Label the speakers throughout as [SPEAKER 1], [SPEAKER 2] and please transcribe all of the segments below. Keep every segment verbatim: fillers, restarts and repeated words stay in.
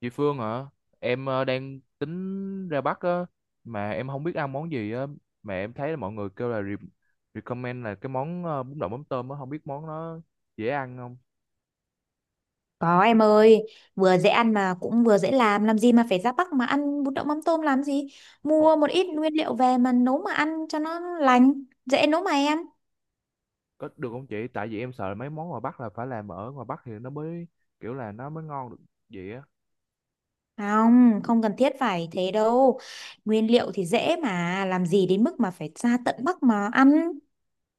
[SPEAKER 1] Chị Phương hả? Em ờ, đang tính ra Bắc á, mà em không biết ăn món gì á, mà em thấy là mọi người kêu là re- recommend là cái món ờ, bún đậu mắm tôm á, không biết món nó dễ ăn không?
[SPEAKER 2] Có em ơi, vừa dễ ăn mà cũng vừa dễ làm, làm gì mà phải ra Bắc mà ăn bún đậu mắm tôm làm gì?
[SPEAKER 1] Ồ,
[SPEAKER 2] Mua một ít nguyên liệu về mà nấu mà ăn cho nó lành, dễ nấu mà em.
[SPEAKER 1] có được không chị? Tại vì em sợ là mấy món ngoài Bắc là phải làm ở ngoài Bắc thì nó mới kiểu là nó mới ngon được vậy á.
[SPEAKER 2] Không, không cần thiết phải thế đâu. Nguyên liệu thì dễ mà, làm gì đến mức mà phải ra tận Bắc mà ăn.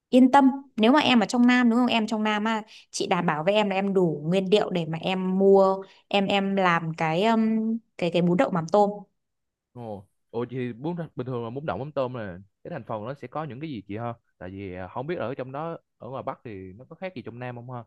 [SPEAKER 2] Yên tâm, nếu mà em ở trong Nam đúng không? Em trong Nam á, chị đảm bảo với em là em đủ nguyên liệu để mà em mua, em em làm cái um, cái cái bún đậu mắm tôm.
[SPEAKER 1] Ồ, ồ chị, bún bình thường là bún đậu mắm tôm là cái thành phần nó sẽ có những cái gì chị ha? Tại vì ờ, không biết ở trong đó ở ngoài Bắc thì nó có khác gì trong Nam không ha?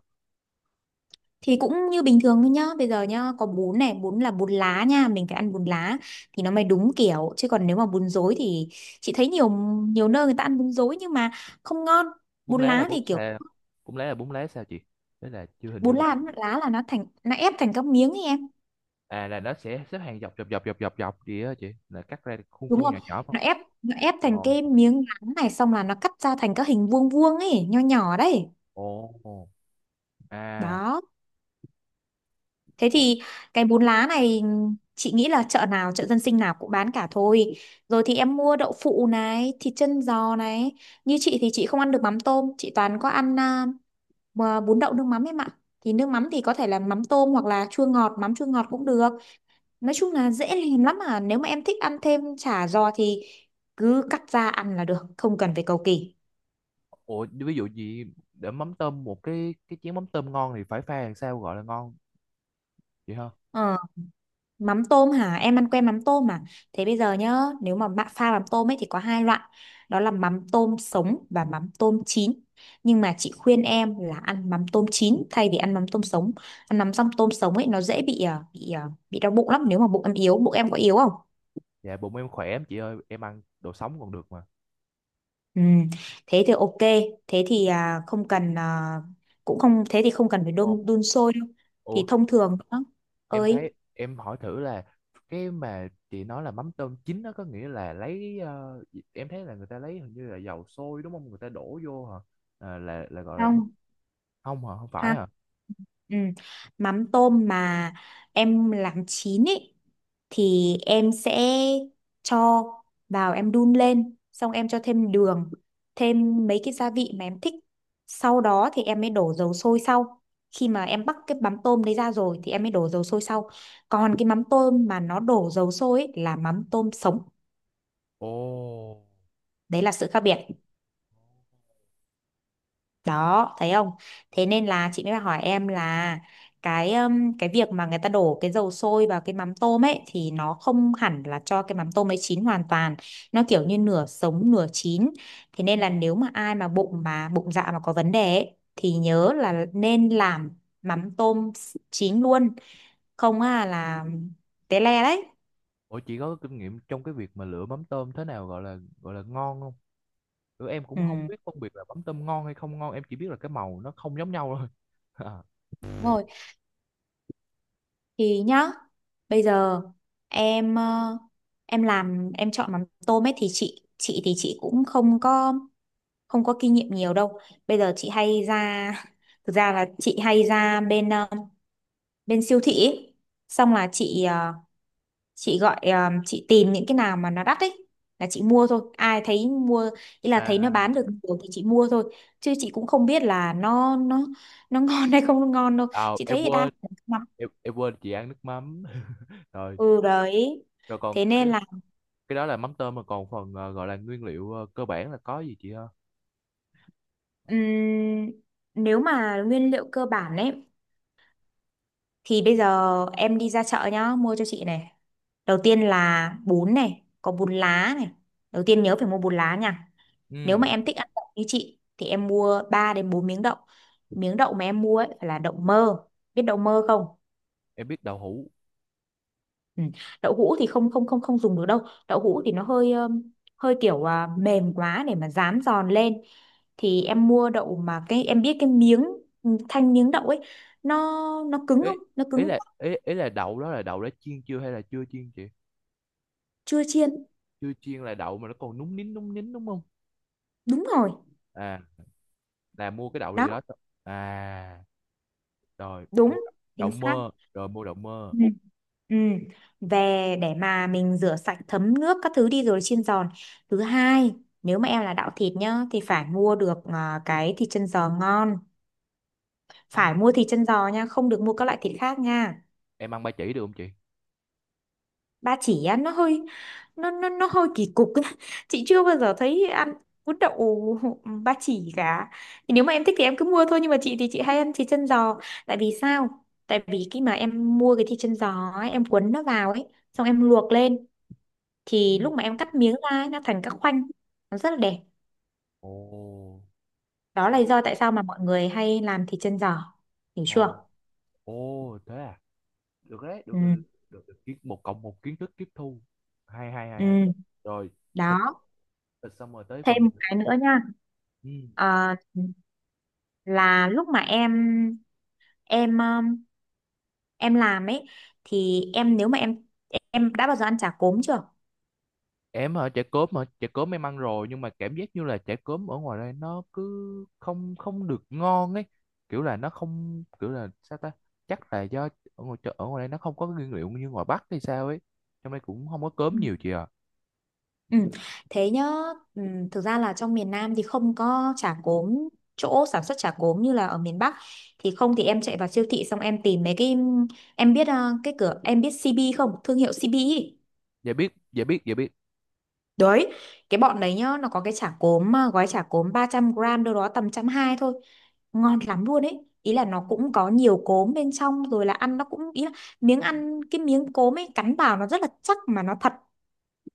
[SPEAKER 2] Thì cũng như bình thường thôi nhá, bây giờ nhá, có bún này, bún là bún lá nha, mình phải ăn bún lá thì nó mới đúng kiểu. Chứ còn nếu mà bún rối thì chị thấy nhiều nhiều nơi người ta ăn bún rối nhưng mà không ngon.
[SPEAKER 1] Bún
[SPEAKER 2] Bún
[SPEAKER 1] lá là
[SPEAKER 2] lá
[SPEAKER 1] bún
[SPEAKER 2] thì kiểu
[SPEAKER 1] xào, bún lá là bún lá sao chị? Thế là chưa hình
[SPEAKER 2] bún
[SPEAKER 1] dung
[SPEAKER 2] lá
[SPEAKER 1] được.
[SPEAKER 2] lá là nó thành nó ép thành các miếng ấy em,
[SPEAKER 1] À là nó sẽ xếp hàng dọc dọc dọc dọc dọc dọc gì đó chị, là cắt ra khuôn
[SPEAKER 2] đúng
[SPEAKER 1] khuôn
[SPEAKER 2] không?
[SPEAKER 1] nhỏ nhỏ không?
[SPEAKER 2] Nó ép nó ép thành
[SPEAKER 1] Ồ,
[SPEAKER 2] cái miếng lá này, xong là nó cắt ra thành các hình vuông vuông ấy, nho nhỏ đấy.
[SPEAKER 1] ồ, à,
[SPEAKER 2] Đó. Thế
[SPEAKER 1] ồ,
[SPEAKER 2] thì cái bún lá này, chị nghĩ là chợ nào, chợ dân sinh nào cũng bán cả thôi. Rồi thì em mua đậu phụ này, thịt chân giò này. Như chị thì chị không ăn được mắm tôm, chị toàn có ăn à, mà bún đậu nước mắm em ạ. Thì nước mắm thì có thể là mắm tôm hoặc là chua ngọt, mắm chua ngọt cũng được. Nói chung là dễ làm lắm à. Nếu mà em thích ăn thêm chả giò thì cứ cắt ra ăn là được, không cần phải cầu kỳ.
[SPEAKER 1] ồ ví dụ gì để mắm tôm, một cái cái chén mắm tôm ngon thì phải pha làm sao gọi là ngon chị ha?
[SPEAKER 2] Ờ. Mắm tôm hả? Em ăn quen mắm tôm mà. Thế bây giờ nhá, nếu mà bạn pha mắm tôm ấy thì có hai loại. Đó là mắm tôm sống và mắm tôm chín. Nhưng mà chị khuyên em là ăn mắm tôm chín thay vì ăn mắm tôm sống. Ăn mắm xong tôm sống ấy nó dễ bị à, bị à, bị đau bụng lắm, nếu mà bụng em yếu, bụng em có yếu không?
[SPEAKER 1] Dạ bụng em khỏe lắm chị ơi, em ăn đồ sống còn được mà.
[SPEAKER 2] Ừ. Thế thì ok, thế thì à, không cần à, cũng không, thế thì không cần phải
[SPEAKER 1] Ồ,
[SPEAKER 2] đun đun sôi đâu.
[SPEAKER 1] ủa,
[SPEAKER 2] Thì thông thường đó.
[SPEAKER 1] em
[SPEAKER 2] Ơi,
[SPEAKER 1] thấy em hỏi thử là cái mà chị nói là mắm tôm chín nó có nghĩa là lấy, ờ, em thấy là người ta lấy hình như là dầu sôi đúng không, người ta đổ vô hả? À, là là gọi là bún.
[SPEAKER 2] không
[SPEAKER 1] Không hả, không phải
[SPEAKER 2] ha,
[SPEAKER 1] hả?
[SPEAKER 2] ừ. Mắm tôm mà em làm chín ý thì em sẽ cho vào, em đun lên, xong em cho thêm đường, thêm mấy cái gia vị mà em thích, sau đó thì em mới đổ dầu sôi. Sau khi mà em bắc cái mắm tôm đấy ra rồi thì em mới đổ dầu sôi sau. Còn cái mắm tôm mà nó đổ dầu sôi ý, là mắm tôm sống.
[SPEAKER 1] Ồ.
[SPEAKER 2] Đấy là sự khác biệt đó, thấy không? Thế nên là chị mới hỏi em là cái um, cái việc mà người ta đổ cái dầu sôi vào cái mắm tôm ấy thì nó không hẳn là cho cái mắm tôm ấy chín hoàn toàn, nó kiểu như nửa sống nửa chín. Thế nên là nếu mà ai mà bụng mà bụng dạ mà có vấn đề ấy, thì nhớ là nên làm mắm tôm s- chín luôn, không à là té le đấy.
[SPEAKER 1] Ủa chị có kinh nghiệm trong cái việc mà lựa mắm tôm thế nào gọi là gọi là ngon không? Ừ, em cũng không
[SPEAKER 2] Ừ.
[SPEAKER 1] biết phân biệt là mắm tôm ngon hay không ngon, em chỉ biết là cái màu nó không giống nhau thôi.
[SPEAKER 2] Đúng rồi. Thì nhá, bây giờ em ờ, em làm em chọn mắm tôm ấy thì chị chị thì chị cũng không có không có kinh nghiệm nhiều đâu. Bây giờ chị hay ra thực ra là chị hay ra bên ờ, bên siêu thị ấy. Xong là chị ờ, chị gọi ờ, chị tìm những cái nào mà nó đắt ấy là chị mua thôi. Ai thấy mua, ý là
[SPEAKER 1] À,
[SPEAKER 2] thấy nó
[SPEAKER 1] à,
[SPEAKER 2] bán được nhiều thì chị mua thôi. Chứ chị cũng không biết là nó nó nó ngon hay không ngon đâu.
[SPEAKER 1] à
[SPEAKER 2] Chị
[SPEAKER 1] em
[SPEAKER 2] thấy thì đa
[SPEAKER 1] quên,
[SPEAKER 2] phần mắm,
[SPEAKER 1] em, em quên chị ăn nước mắm. Rồi,
[SPEAKER 2] ừ đấy
[SPEAKER 1] rồi còn
[SPEAKER 2] thế
[SPEAKER 1] cái
[SPEAKER 2] nên,
[SPEAKER 1] cái đó là mắm tôm, mà còn phần ờ, gọi là nguyên liệu ờ, cơ bản là có gì chị ha?
[SPEAKER 2] Ừm, nếu mà nguyên liệu cơ bản ấy thì bây giờ em đi ra chợ nhá, mua cho chị này. Đầu tiên là bún này, có bún lá này. Đầu tiên nhớ phải mua bún lá nha.
[SPEAKER 1] Ừ,
[SPEAKER 2] Nếu mà em thích ăn đậu như chị thì em mua ba đến bốn miếng đậu. Miếng đậu mà em mua ấy phải là đậu mơ. Biết đậu mơ không?
[SPEAKER 1] em biết đậu hũ.
[SPEAKER 2] Ừ. Đậu hũ thì không không không không dùng được đâu. Đậu hũ thì nó hơi um, hơi kiểu à, mềm quá để mà rán giòn lên. Thì em mua đậu mà cái em biết cái miếng ừ, thanh miếng đậu ấy nó nó cứng
[SPEAKER 1] Ý,
[SPEAKER 2] không? Nó
[SPEAKER 1] ý
[SPEAKER 2] cứng.
[SPEAKER 1] là ý, ý là đậu đó là đậu đã chiên chưa hay là chưa chiên chị?
[SPEAKER 2] Chưa chiên.
[SPEAKER 1] Chưa chiên là đậu mà nó còn núng nín núng nín đúng không?
[SPEAKER 2] Đúng rồi.
[SPEAKER 1] À, là mua cái đậu
[SPEAKER 2] Đó,
[SPEAKER 1] gì đó. À, rồi mua
[SPEAKER 2] đúng,
[SPEAKER 1] đậu
[SPEAKER 2] chính xác.
[SPEAKER 1] mơ rồi mua đậu mơ.
[SPEAKER 2] Ừ. Ừ. Về để mà mình rửa sạch thấm nước các thứ đi rồi chiên giòn. Thứ hai, nếu mà em là đạo thịt nhá thì phải mua được à, cái thịt chân giò ngon,
[SPEAKER 1] Ừ.
[SPEAKER 2] phải mua thịt chân giò nha, không được mua các loại thịt khác nha.
[SPEAKER 1] Em ăn ba chỉ được không chị?
[SPEAKER 2] Ba chỉ á nó hơi nó nó nó hơi kỳ cục ấy. Chị chưa bao giờ thấy ăn bún đậu ba chỉ cả. Thì nếu mà em thích thì em cứ mua thôi, nhưng mà chị thì chị hay ăn thịt chân giò. Tại vì sao? Tại vì khi mà em mua cái thịt chân giò ấy, em cuốn nó vào ấy xong em luộc lên,
[SPEAKER 1] Ừ,
[SPEAKER 2] thì lúc mà em cắt miếng ra ấy, nó thành các khoanh, nó rất là đẹp.
[SPEAKER 1] ồ,
[SPEAKER 2] Đó là
[SPEAKER 1] tại
[SPEAKER 2] lý
[SPEAKER 1] vì,
[SPEAKER 2] do tại sao mà mọi người hay làm thịt chân giò, hiểu
[SPEAKER 1] ồ,
[SPEAKER 2] chưa?
[SPEAKER 1] ồ thế à, được đấy, được,
[SPEAKER 2] Ừ.
[SPEAKER 1] được, được, được. Kiến- một cộng một, kiến thức tiếp thu. Hay hay hay hay.
[SPEAKER 2] Ừ.
[SPEAKER 1] Rồi, thịt,
[SPEAKER 2] Đó.
[SPEAKER 1] thịt xong rồi tới
[SPEAKER 2] Thêm
[SPEAKER 1] phần gì?
[SPEAKER 2] một cái nữa nha.
[SPEAKER 1] Ừ.
[SPEAKER 2] Ờ, là lúc mà em em um, em làm ấy thì em, nếu mà em em đã bao giờ ăn chả cốm chưa?
[SPEAKER 1] Em ở chợ cốm mà, chợ cốm em ăn rồi, nhưng mà cảm giác như là chả cốm ở ngoài đây nó cứ không không được ngon ấy, kiểu là nó không, kiểu là sao ta, chắc là do ở ngoài chợ, ở ngoài đây nó không có cái nguyên liệu như ngoài Bắc hay sao ấy. Trong đây cũng không có cốm
[SPEAKER 2] Ừ.
[SPEAKER 1] nhiều chị à.
[SPEAKER 2] Ừ. Thế nhá. Ừ, thực ra là trong miền Nam thì không có chả cốm, chỗ sản xuất chả cốm như là ở miền Bắc thì không. Thì em chạy vào siêu thị xong em tìm mấy cái, em biết uh, cái cửa, em biết xê bê không, thương hiệu xê bê ý.
[SPEAKER 1] Dạ biết, dạ biết, dạ biết.
[SPEAKER 2] Đấy, cái bọn đấy nhá, nó có cái chả cốm, ờ, gói chả cốm ba trăm gram, đâu đó tầm trăm hai thôi. Ngon lắm luôn ấy. Ý là nó cũng có nhiều cốm bên trong rồi, là ăn nó cũng, ý là miếng ăn cái miếng cốm ấy cắn vào nó rất là chắc mà nó thật.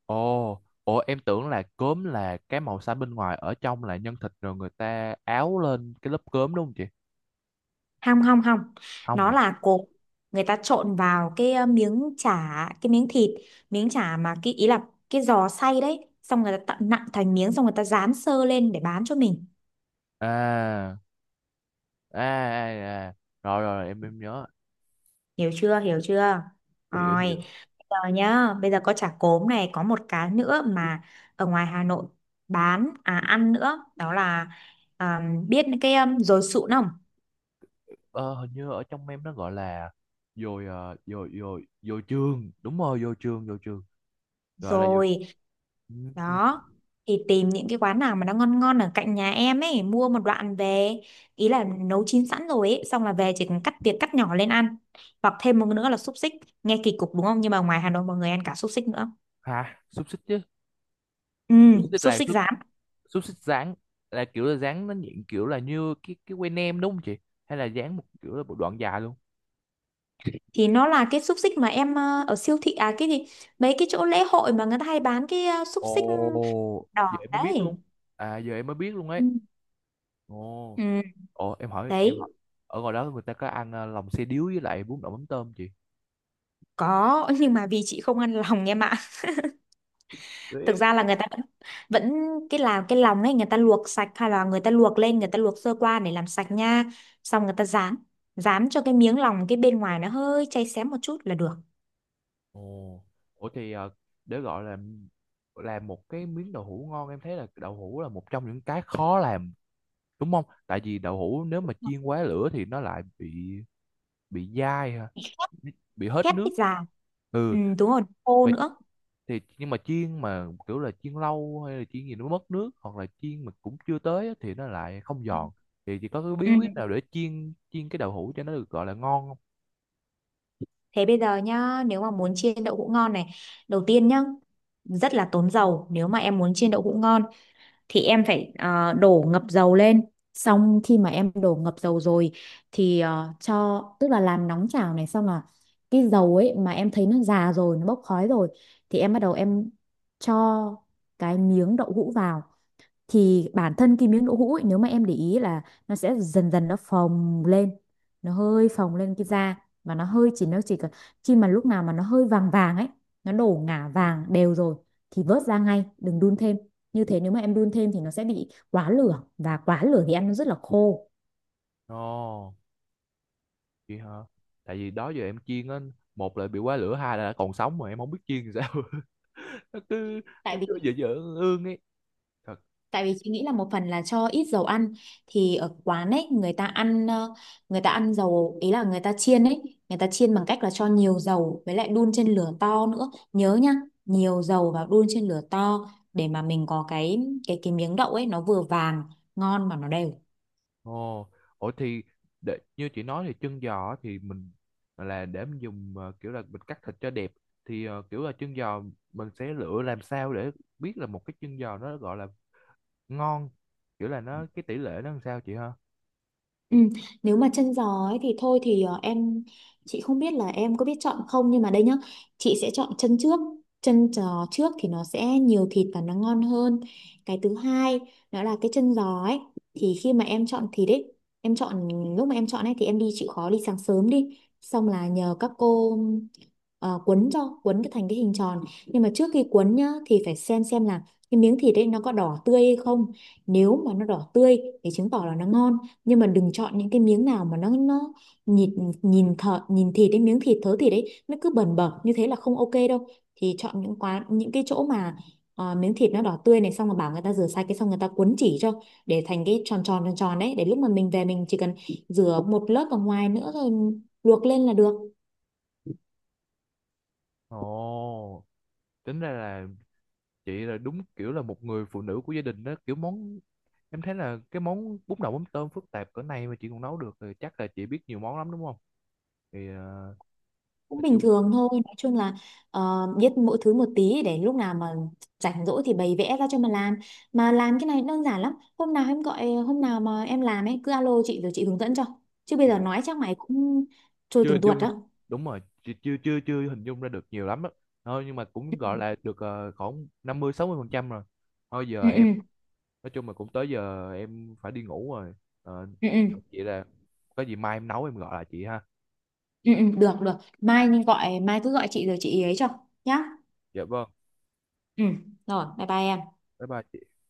[SPEAKER 1] Ồ, ồ, em tưởng là cốm là cái màu xanh bên ngoài, ở trong là nhân thịt rồi người ta áo lên cái lớp cốm đúng không chị?
[SPEAKER 2] Hong hong hong.
[SPEAKER 1] Không
[SPEAKER 2] Nó
[SPEAKER 1] ạ.
[SPEAKER 2] là cốm, người ta trộn vào cái ờ, miếng chả, cái miếng thịt, miếng chả mà cái ý là cái giò xay đấy, xong người ta tận nặn thành miếng, xong người ta rán sơ lên để bán cho mình.
[SPEAKER 1] À, à, à, à. Rồi, rồi em em nhớ.
[SPEAKER 2] Hiểu chưa? Hiểu chưa?
[SPEAKER 1] Hiểu, hiểu.
[SPEAKER 2] Rồi. Bây giờ nhá, bây giờ có chả cốm này, có một cái nữa mà ở ngoài Hà Nội bán à ăn nữa, đó là, à, biết cái um, dồi sụn không?
[SPEAKER 1] ờ, Hình như ở trong em nó gọi là dồi ờ, dồi dồi dồi trường Đúng rồi, dồi trường, dồi trường, gọi là dồi.
[SPEAKER 2] Rồi.
[SPEAKER 1] Ừm,
[SPEAKER 2] Đó thì tìm những cái quán nào mà nó ngon ngon ở cạnh nhà em ấy, mua một đoạn về. Ý là nấu chín sẵn rồi ấy, xong là về chỉ cần cắt tiệc cắt nhỏ lên ăn. Hoặc thêm một nữa là xúc xích. Nghe kỳ cục đúng không? Nhưng mà ngoài Hà Nội mọi người ăn cả xúc xích nữa.
[SPEAKER 1] hả, xúc xích chứ.
[SPEAKER 2] Ừ,
[SPEAKER 1] Xúc xích
[SPEAKER 2] xúc
[SPEAKER 1] là
[SPEAKER 2] xích
[SPEAKER 1] xúc,
[SPEAKER 2] giả
[SPEAKER 1] xúc xích rán, là kiểu là rán nó nhịn, kiểu là như cái cái que nem đúng không chị, hay là rán một kiểu là một đoạn dài luôn?
[SPEAKER 2] thì nó là cái xúc xích mà em ờ, ở siêu thị à cái gì, mấy cái chỗ lễ hội mà người ta hay bán cái ờ, xúc
[SPEAKER 1] Ồ
[SPEAKER 2] xích
[SPEAKER 1] giờ
[SPEAKER 2] đỏ
[SPEAKER 1] em mới biết luôn,
[SPEAKER 2] đấy.
[SPEAKER 1] à giờ em mới biết luôn ấy.
[SPEAKER 2] Ừ.
[SPEAKER 1] Ồ,
[SPEAKER 2] Ừ,
[SPEAKER 1] ồ, em hỏi em hỏi
[SPEAKER 2] đấy.
[SPEAKER 1] ở ngoài đó người ta có ăn ờ, lòng xe điếu với lại bún đậu mắm tôm chị?
[SPEAKER 2] Có, nhưng mà vì chị không ăn lòng em ạ. Thực
[SPEAKER 1] Ê,
[SPEAKER 2] ra là người ta vẫn, vẫn cái làm cái lòng ấy, người ta luộc sạch hay là người ta luộc lên, người ta luộc sơ qua để làm sạch nha. Xong người ta rán rán cho cái miếng lòng, cái bên ngoài nó hơi cháy xém một chút là được.
[SPEAKER 1] ồ, ủa thì ờ, để gọi là làm một cái miếng đậu hũ ngon, em thấy là đậu hũ là một trong những cái khó làm đúng không? Tại vì đậu hũ nếu mà chiên quá lửa thì nó lại bị bị dai ha, bị bị hết
[SPEAKER 2] Khét
[SPEAKER 1] nước.
[SPEAKER 2] cái già.
[SPEAKER 1] Ừ,
[SPEAKER 2] Ừ, đúng rồi, khô
[SPEAKER 1] mà
[SPEAKER 2] nữa.
[SPEAKER 1] thì nhưng mà chiên mà kiểu là chiên lâu hay là chiên gì nó mất nước, hoặc là chiên mà cũng chưa tới á, thì nó lại không giòn. Thì chỉ có cái bí
[SPEAKER 2] Ừ.
[SPEAKER 1] quyết nào để chiên chiên cái đậu hũ cho nó được gọi là ngon không?
[SPEAKER 2] Thế bây giờ nhá, nếu mà muốn chiên đậu hũ ngon này, đầu tiên nhá, rất là tốn dầu. Nếu mà em muốn chiên đậu hũ ngon thì em phải ờ, đổ ngập dầu lên. Xong khi mà em đổ ngập dầu rồi thì ờ, cho tức là làm nóng chảo này, xong là cái dầu ấy mà em thấy nó già rồi, nó bốc khói rồi thì em bắt đầu em cho cái miếng đậu hũ vào. Thì bản thân cái miếng đỗ hũ ấy, nếu mà em để ý là nó sẽ dần dần nó phồng lên, nó hơi phồng lên cái da, và nó hơi chỉ nó chỉ cần khi mà lúc nào mà nó hơi vàng vàng ấy, nó đổ ngả vàng đều rồi thì vớt ra ngay, đừng đun thêm. Như thế nếu mà em đun thêm thì nó sẽ bị quá lửa, và quá lửa thì ăn nó rất là khô.
[SPEAKER 1] Ồ. Chị hả? Tại vì đó giờ em chiên á, một là bị quá lửa, hai là đã còn sống mà em không biết chiên thì sao. Nó cứ
[SPEAKER 2] Tại
[SPEAKER 1] nó
[SPEAKER 2] vì
[SPEAKER 1] cứ dở dở ương ương ấy. Thật.
[SPEAKER 2] Tại vì chị nghĩ là một phần là cho ít dầu ăn, thì ở quán ấy người ta ăn ờ, người ta ăn dầu, ý là người ta chiên ấy, người ta chiên bằng cách là cho nhiều dầu với lại đun trên lửa to nữa, nhớ nhá, nhiều dầu và đun trên lửa to để mà mình có cái cái cái miếng đậu ấy nó vừa vàng ngon mà nó đều.
[SPEAKER 1] Ồ, ủa thì để, như chị nói thì chân giò á thì mình là để mình dùng, ờ, kiểu là mình cắt thịt cho đẹp, thì ờ, kiểu là chân giò mình sẽ lựa làm sao để biết là một cái chân giò nó gọi là ngon, kiểu là nó cái tỷ lệ nó làm sao chị ha?
[SPEAKER 2] Ừ, nếu mà chân giò ấy thì thôi thì ờ, em chị không biết là em có biết chọn không, nhưng mà đây nhá, chị sẽ chọn chân trước, chân giò trước thì nó sẽ nhiều thịt và nó ngon hơn. Cái thứ hai, đó là cái chân giò ấy, thì khi mà em chọn thịt ấy, em chọn lúc mà em chọn ấy thì em đi chịu khó đi sáng sớm đi, xong là nhờ các cô ờ, cuốn cho cuốn cái thành cái hình tròn. Nhưng mà trước khi cuốn nhá thì phải xem xem là cái miếng thịt ấy nó có đỏ tươi hay không. Nếu mà nó đỏ tươi thì chứng tỏ là nó ngon. Nhưng mà đừng chọn những cái miếng nào mà nó nó nhìn nhìn thợ nhìn thịt đấy, miếng thịt thớ thịt đấy nó cứ bẩn bẩn như thế là không ok đâu. Thì chọn những quán những cái chỗ mà ờ, miếng thịt nó đỏ tươi này, xong rồi bảo người ta rửa sạch cái, xong người ta cuốn chỉ cho để thành cái tròn tròn tròn tròn đấy, để lúc mà mình về mình chỉ cần rửa một lớp ở ngoài nữa rồi luộc lên là được.
[SPEAKER 1] Ồ, tính ra là chị là đúng kiểu là một người phụ nữ của gia đình đó, kiểu món, em thấy là cái món bún đậu mắm tôm phức tạp cỡ này mà chị còn nấu được thì chắc là chị biết nhiều món lắm đúng không? Thì ờ,
[SPEAKER 2] Cũng
[SPEAKER 1] nói
[SPEAKER 2] bình
[SPEAKER 1] chung,
[SPEAKER 2] thường thôi, nói chung là ờ, biết mỗi thứ một tí để lúc nào mà rảnh rỗi thì bày vẽ ra cho mà làm. Mà làm cái này đơn giản lắm, hôm nào em gọi hôm nào mà em làm ấy cứ alo chị rồi chị hướng dẫn cho. Chứ bây giờ
[SPEAKER 1] dạ
[SPEAKER 2] nói chắc mày cũng trôi
[SPEAKER 1] chưa
[SPEAKER 2] từng
[SPEAKER 1] hình
[SPEAKER 2] tuột
[SPEAKER 1] dung.
[SPEAKER 2] đó.
[SPEAKER 1] Đúng rồi chị, chưa chưa chưa hình dung ra được nhiều lắm á. Thôi nhưng mà cũng gọi là được ờ, khoảng năm mươi sáu mươi phần trăm rồi. Thôi
[SPEAKER 2] Ừ.
[SPEAKER 1] giờ
[SPEAKER 2] Ừ.
[SPEAKER 1] em, nói chung là cũng tới giờ em phải đi ngủ rồi. Ờ,
[SPEAKER 2] Ừ. Ừ.
[SPEAKER 1] chị, là có gì mai em nấu em gọi lại chị ha.
[SPEAKER 2] Ừ. Ừ, ừ, được được, mai nên gọi, mai cứ gọi chị rồi chị ấy cho nhá.
[SPEAKER 1] Dạ vâng.
[SPEAKER 2] Ừ. Rồi, bye bye em.
[SPEAKER 1] Bye bye chị.